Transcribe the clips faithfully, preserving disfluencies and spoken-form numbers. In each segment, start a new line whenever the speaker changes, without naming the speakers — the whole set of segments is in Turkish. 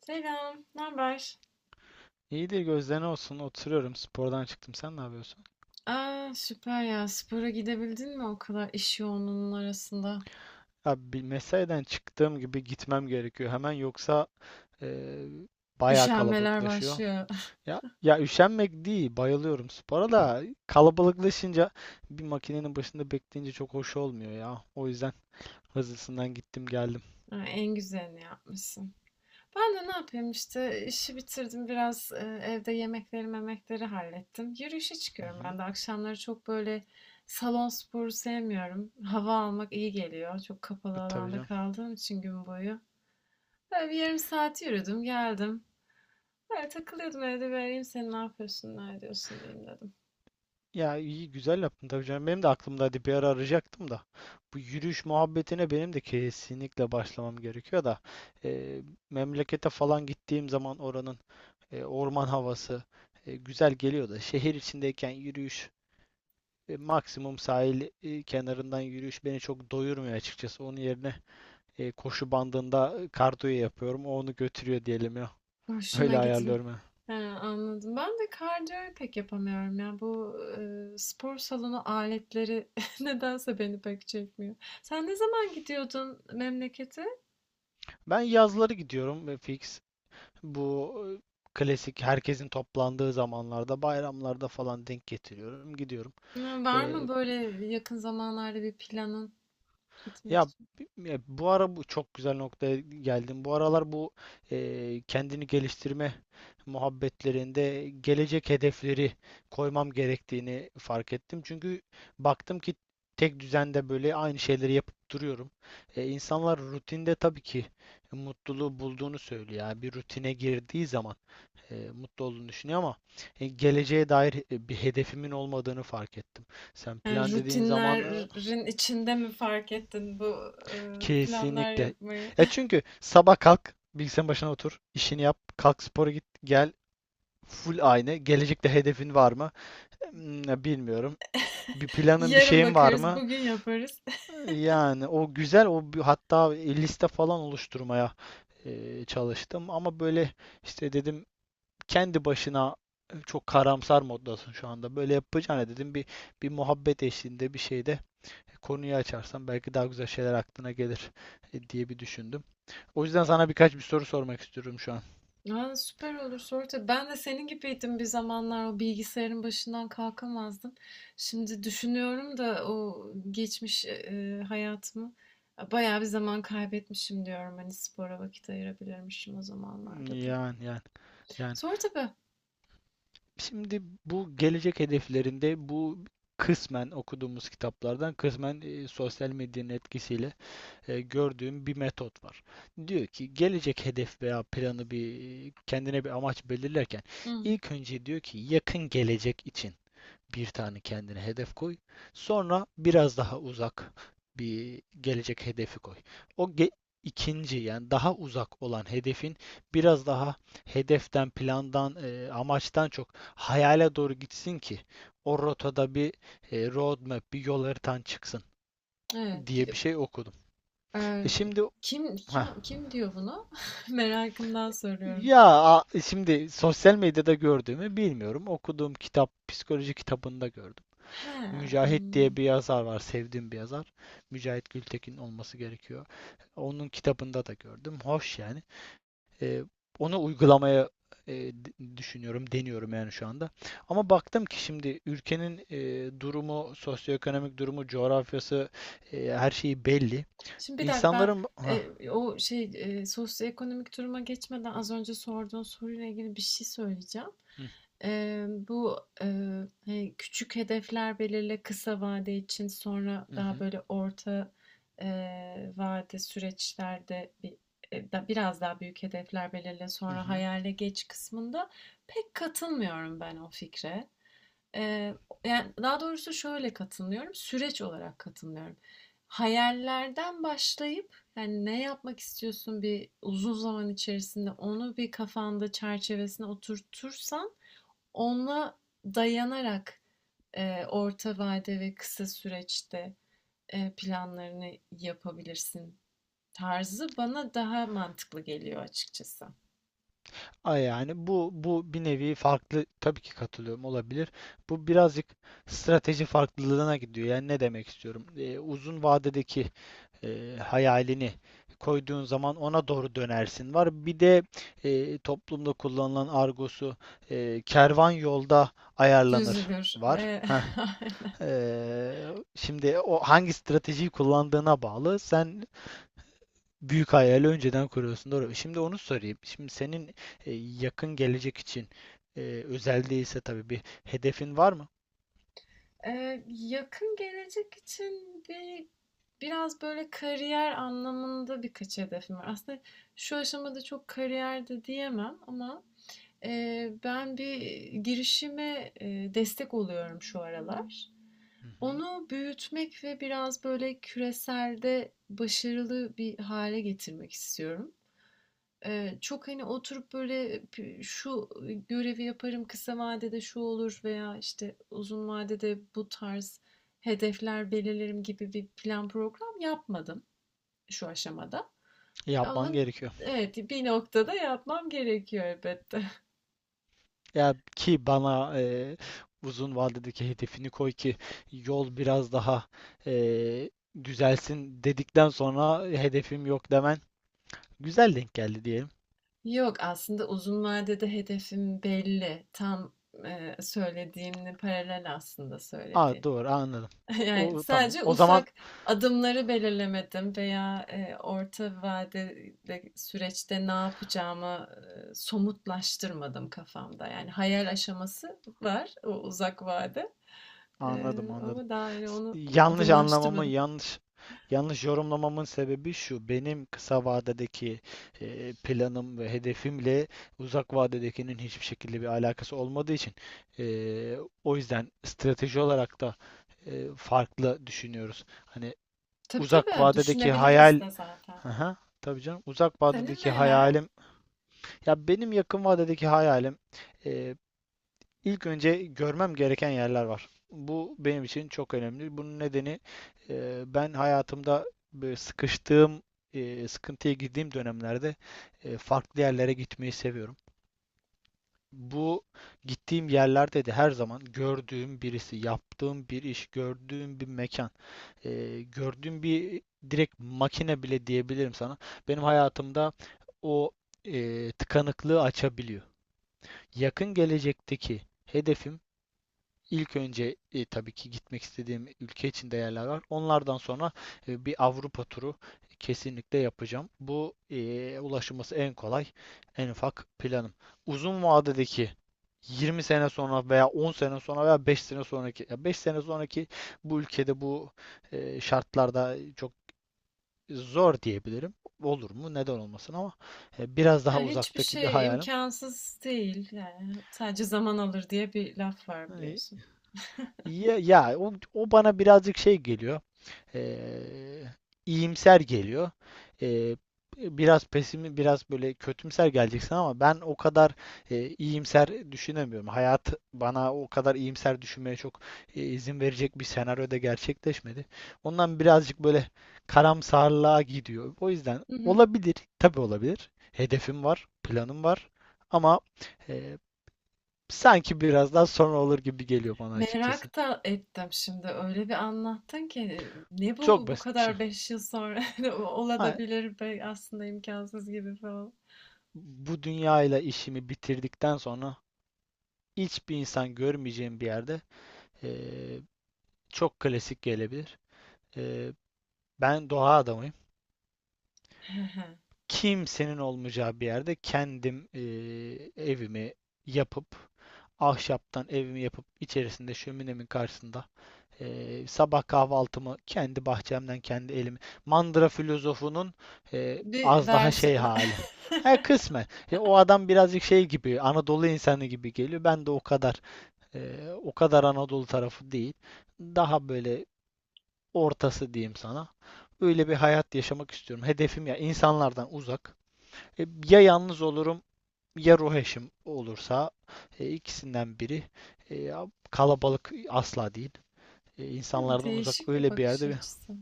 Selam, ne haber?
İyidir, gözlerine olsun. Oturuyorum. Spordan çıktım. Sen ne yapıyorsun?
Aa, süper ya. Spora gidebildin mi o kadar iş yoğunluğunun arasında?
Abi bir mesaiden çıktığım gibi gitmem gerekiyor hemen, yoksa eee bayağı
Üşenmeler
kalabalıklaşıyor.
başlıyor.
Ya ya, üşenmek değil. Bayılıyorum spora da, kalabalıklaşınca bir makinenin başında bekleyince çok hoş olmuyor ya. O yüzden hızlısından gittim geldim.
Ha, en güzelini yapmışsın. Ben de ne yapayım işte işi bitirdim biraz e, evde yemekleri memekleri hallettim. Yürüyüşe
Hı
çıkıyorum
hı.
ben de akşamları çok böyle salon sporu sevmiyorum. Hava almak iyi geliyor. Çok
E,
kapalı
Tabii
alanda
canım.
kaldığım için gün boyu. Böyle bir yarım saat yürüdüm geldim. Böyle takılıyordum evde vereyim arayayım seni, ne yapıyorsun, ne ediyorsun diyeyim dedim.
Ya iyi, güzel yaptın tabii canım. Benim de aklımda bir ara, arayacaktım da. Bu yürüyüş muhabbetine benim de kesinlikle başlamam gerekiyor da. e, Memlekete falan gittiğim zaman oranın e, orman havası e, güzel geliyor da. Şehir içindeyken yürüyüş, e, maksimum sahil e, kenarından yürüyüş beni çok doyurmuyor açıkçası. Onun yerine e, koşu bandında kardiyo yapıyorum. O onu götürüyor diyelim ya.
Hoşuna
Öyle
gitmi.
ayarlıyorum ya.
He, anladım. Ben de kardiyoyu pek yapamıyorum ya. Bu e, spor salonu aletleri nedense beni pek çekmiyor. Sen ne zaman gidiyordun memlekete?
Ben yazları gidiyorum e, fix. Bu e, klasik herkesin toplandığı zamanlarda, bayramlarda falan denk getiriyorum, gidiyorum.
Hı, var
Ee,
mı böyle yakın zamanlarda bir planın gitmek
Ya
için?
ya, bu ara bu çok güzel noktaya geldim. Bu aralar bu e, kendini geliştirme muhabbetlerinde gelecek hedefleri koymam gerektiğini fark ettim. Çünkü baktım ki tek düzende böyle aynı şeyleri yapıp duruyorum. E, insanlar rutinde tabii ki mutluluğu bulduğunu söylüyor. Yani bir rutine girdiği zaman e, mutlu olduğunu düşünüyor ama e, geleceğe dair e, bir hedefimin olmadığını fark ettim. Sen
Yani
plan dediğin zaman e,
rutinlerin içinde mi fark ettin bu e, planlar
kesinlikle.
yapmayı?
E çünkü sabah kalk, bilgisayarın başına otur, işini yap, kalk spora git, gel. Full aynı. Gelecekte hedefin var mı? Hmm. Bilmiyorum. Bir planın, bir
Yarın
şeyin var
bakarız,
mı?
bugün yaparız.
Yani o güzel, o bir- hatta liste falan oluşturmaya e, çalıştım ama böyle işte, dedim, kendi başına e, çok karamsar moddasın şu anda. Böyle yapacağına, dedim, bir bir muhabbet eşliğinde bir şeyde konuyu açarsan belki daha güzel şeyler aklına gelir e, diye bir düşündüm. O yüzden sana birkaç bir soru sormak istiyorum şu an.
Aa, süper olur. Sonra ben de senin gibiydim bir zamanlar, o bilgisayarın başından kalkamazdım. Şimdi düşünüyorum da o geçmiş e, e, hayatımı e, bayağı bir zaman kaybetmişim diyorum. Hani spora vakit ayırabilirmişim o zamanlarda da.
Yani yani yani.
Sonra tabii.
Şimdi bu gelecek hedeflerinde bu kısmen okuduğumuz kitaplardan, kısmen e, sosyal medyanın etkisiyle e, gördüğüm bir metot var. Diyor ki gelecek hedef veya planı, bir kendine bir amaç belirlerken
Hı,
ilk önce, diyor ki, yakın gelecek için bir tane kendine hedef koy. Sonra biraz daha uzak bir gelecek hedefi koy. O ge- ikinci yani daha uzak olan hedefin biraz daha hedeften, plandan, e, amaçtan çok hayale doğru gitsin ki o rotada bir e, roadmap, bir yol haritan çıksın
evet.
diye bir
ki-
şey okudum.
e,
E şimdi
kim
heh,
kim kim diyor bunu? Merakımdan soruyorum.
ya a- şimdi sosyal medyada gördüğümü bilmiyorum. Okuduğum kitap, psikoloji kitabında gördüm. Mücahit
He,
diye bir yazar var, sevdiğim bir yazar. Mücahit Gültekin olması gerekiyor. Onun kitabında da gördüm. Hoş yani. Ee, Onu uygulamaya e, d- düşünüyorum, deniyorum yani şu anda. Ama baktım ki şimdi ülkenin e, durumu, sosyoekonomik durumu, coğrafyası, e, her şeyi belli.
şimdi bir dakika ben
İnsanların... Hah.
e, o şey e, sosyoekonomik duruma geçmeden az önce sorduğun soruyla ilgili bir şey söyleyeceğim.
Hı
E, bu e, hani küçük hedefler belirle kısa vade için, sonra daha
hı,
böyle orta e, vade süreçlerde bir, e, da, biraz daha büyük hedefler belirle,
hı
sonra
hı.
hayale geç kısmında pek katılmıyorum ben o fikre. Eee, Yani, daha doğrusu şöyle katılmıyorum, süreç olarak katılmıyorum. Hayallerden başlayıp, yani, ne yapmak istiyorsun bir uzun zaman içerisinde onu bir kafanda çerçevesine oturtursan, ona dayanarak, eee, orta vade ve kısa süreçte, eee, planlarını yapabilirsin tarzı bana daha mantıklı geliyor açıkçası.
A yani bu bu bir nevi farklı, tabii ki katılıyorum, olabilir. Bu birazcık strateji farklılığına gidiyor. Yani ne demek istiyorum? Ee, uzun vadedeki e, hayalini koyduğun zaman ona doğru dönersin var. Bir de e, toplumda kullanılan argosu e, kervan yolda ayarlanır
Düzülür.
var.
Eee,
Heh.
aynen.
Ee, Şimdi o, hangi stratejiyi kullandığına bağlı. Sen büyük hayali önceden kuruyorsun. Doğru. Şimdi onu sorayım. Şimdi senin e, yakın gelecek için e, özel değilse tabii, bir hedefin var mı?
Eee, yakın gelecek için bir biraz böyle kariyer anlamında birkaç hedefim var. Aslında şu aşamada çok kariyer de diyemem ama eee, ben bir girişime eee, destek oluyorum şu aralar.
Hı hı.
Onu büyütmek ve biraz böyle küreselde başarılı bir hale getirmek istiyorum. Eee, çok, hani, oturup böyle şu görevi yaparım, kısa vadede şu olur veya, işte, uzun vadede bu tarz hedefler belirlerim gibi bir plan program yapmadım şu aşamada. Ama
Yapman gerekiyor.
evet, bir noktada yapmam gerekiyor elbette.
Ya ki bana e, uzun vadedeki hedefini koy ki yol biraz daha e, düzelsin dedikten sonra hedefim yok demen güzel denk geldi diyelim.
Yok, aslında uzun vadede hedefim belli. Tam, eee, söylediğinle paralel aslında
Aa,
söylediğim.
doğru anladım.
Yani
O tamam.
sadece
O zaman
ufak adımları belirlemedim veya e, orta vadede süreçte ne yapacağımı e, somutlaştırmadım kafamda. Yani hayal aşaması var o uzak vade. E,
anladım, anladım.
Ama daha yani
S-
onu
Yanlış anlamamın,
adımlaştırmadım.
yanlış yanlış yorumlamamın sebebi şu. Benim kısa vadedeki e, planım ve hedefimle uzak vadedekinin hiçbir şekilde bir alakası olmadığı için e, o yüzden strateji olarak da e, farklı düşünüyoruz. Hani
Tabii
uzak
tabii
vadedeki
düşünebiliriz
hayal...
de zaten.
Aha, tabii canım. Uzak
Senin
vadedeki
neler?
hayalim, ya benim yakın vadedeki hayalim, İlk önce görmem gereken yerler var. Bu benim için çok önemli. Bunun nedeni, e, ben hayatımda böyle sıkıştığım, e, sıkıntıya girdiğim dönemlerde e, farklı yerlere gitmeyi seviyorum. Bu gittiğim yerlerde de her zaman gördüğüm birisi, yaptığım bir iş, gördüğüm bir mekan, e, gördüğüm bir direkt makine bile diyebilirim sana. Benim hayatımda o e, tıkanıklığı açabiliyor. Yakın gelecekteki hedefim, İlk önce e, tabii ki gitmek istediğim ülke içinde yerler var. Onlardan sonra e, bir Avrupa turu kesinlikle yapacağım. Bu e, ulaşılması en kolay, en ufak planım. Uzun vadedeki yirmi sene sonra veya on sene sonra veya beş sene sonraki, ya beş sene sonraki bu ülkede bu e, şartlarda çok zor diyebilirim. Olur mu? Neden olmasın ama e, biraz
Ya
daha
hiçbir
uzaktaki bir
şey
hayalim.
imkansız değil yani, sadece zaman alır diye bir laf var
e,
biliyorsun.
Ya, ya o, o bana birazcık şey geliyor. Eee iyimser geliyor. Eee, Biraz pesimi, biraz böyle kötümser geleceksin ama ben o kadar eee, iyimser düşünemiyorum. Hayat bana o kadar iyimser düşünmeye çok eee, izin verecek bir senaryoda gerçekleşmedi. Ondan birazcık böyle karamsarlığa gidiyor. O yüzden
Hı hı.
olabilir, tabii olabilir. Hedefim var, planım var ama eee, sanki biraz daha sonra olur gibi geliyor bana açıkçası.
Merak da ettim şimdi öyle bir anlattın ki ne
Çok
bu bu
basit bir şey.
kadar, beş yıl sonra de o-
Ha,
olabilir be aslında, imkansız gibi falan.
bu dünyayla işimi bitirdikten sonra hiçbir insan görmeyeceğim bir yerde, eee, çok klasik gelebilir. Eee, Ben doğa adamıyım. Kimsenin olmayacağı bir yerde kendim, eee, evimi yapıp, ahşaptan evimi yapıp, içerisinde şöminemin karşısında eee, sabah kahvaltımı kendi bahçemden kendi elimi. Mandıra filozofunun eee,
Bir
az daha şey
versiyon.
hali. Ha, kısmen. E, o adam birazcık şey gibi, Anadolu insanı gibi geliyor. Ben de o kadar eee, o kadar Anadolu tarafı değil. Daha böyle ortası diyeyim sana. Öyle bir hayat yaşamak istiyorum. Hedefim, ya insanlardan uzak. E, ya yalnız olurum ya ruh eşim olursa, e, ikisinden biri. E, kalabalık asla değil. E, insanlardan uzak
Değişik bir
öyle bir
bakış
yerde bir.
açısı.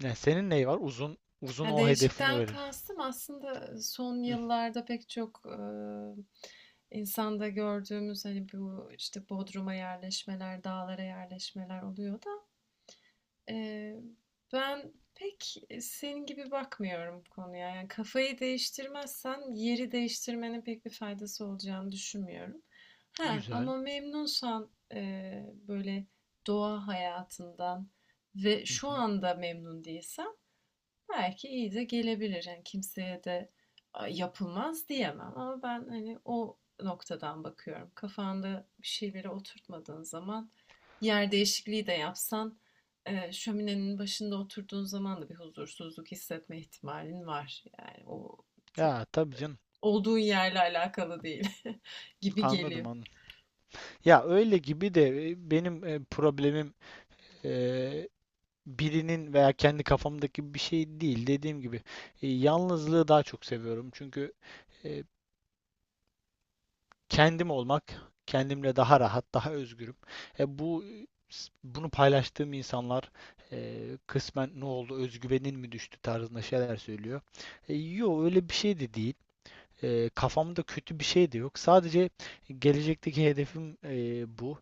Ne, senin neyi var? Uzun uzun
Yani
o hedefini
değişikten
öğren.
kastım aslında son
Hı,
yıllarda pek çok e, insanda gördüğümüz hani bu işte Bodrum'a yerleşmeler, dağlara yerleşmeler oluyor da e, ben pek senin gibi bakmıyorum bu konuya. Yani kafayı değiştirmezsen yeri değiştirmenin pek bir faydası olacağını düşünmüyorum. Ha,
güzel.
ama memnunsan e, böyle doğa hayatından ve
Hı
şu
hı.
anda memnun değilsen belki iyi de gelebilir. Yani kimseye de yapılmaz diyemem, ama ben hani o noktadan bakıyorum. Kafanda bir şeyleri oturtmadığın zaman yer değişikliği de yapsan e, şöminenin başında oturduğun zaman da bir huzursuzluk hissetme ihtimalin var. Yani o
Ya
çok
tabii canım.
olduğun yerle alakalı değil gibi
Anladım,
geliyor.
anladım. Ya öyle gibi de, e, benim e, problemim e, birinin veya kendi kafamdaki bir şey değil. Dediğim gibi, e, yalnızlığı daha çok seviyorum. Çünkü e, kendim olmak, kendimle daha rahat, daha özgürüm. E bu, bunu paylaştığım insanlar e, kısmen ne oldu, özgüvenin mi düştü tarzında şeyler söylüyor. E, yo, öyle bir şey de değil. E, kafamda kötü bir şey de yok. Sadece gelecekteki hedefim e, bu.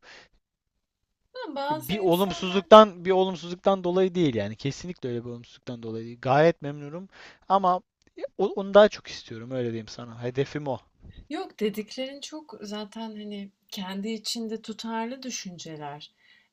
Ama bazı
Bir
insanlar
olumsuzluktan bir olumsuzluktan dolayı değil yani. Kesinlikle öyle bir olumsuzluktan dolayı değil. Gayet memnunum ama e, o- onu daha çok istiyorum, öyle diyeyim sana. Hedefim o.
yok, dediklerin çok zaten hani kendi içinde tutarlı düşünceler.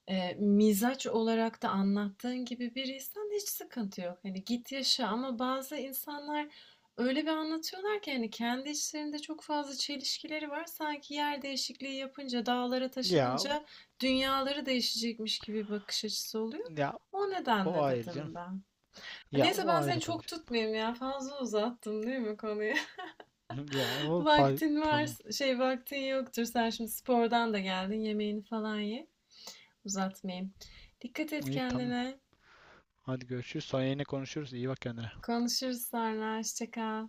Ee, mizaç olarak da anlattığın gibi bir insan, hiç sıkıntı yok. Hani git yaşa, ama bazı insanlar öyle bir anlatıyorlar ki hani kendi içlerinde çok fazla çelişkileri var. Sanki yer değişikliği yapınca, dağlara
Ya
taşınınca dünyaları değişecekmiş gibi bir bakış açısı oluyor.
ya
O
o
nedenle
ayrı canım.
dedim ben.
Ya
Neyse,
o
ben seni
ayrı tabii
çok
canım.
tutmayayım ya. Fazla uzattım değil mi konuyu?
Ya o fa-
Vaktin var,
problem.
şey vaktin yoktur. Sen şimdi spordan da geldin. Yemeğini falan ye. Uzatmayayım. Dikkat et
İyi, tamam.
kendine.
Hadi görüşürüz. Sonra yine konuşuruz. İyi bak kendine.
Konuşuruz sonra. Hoşça kal.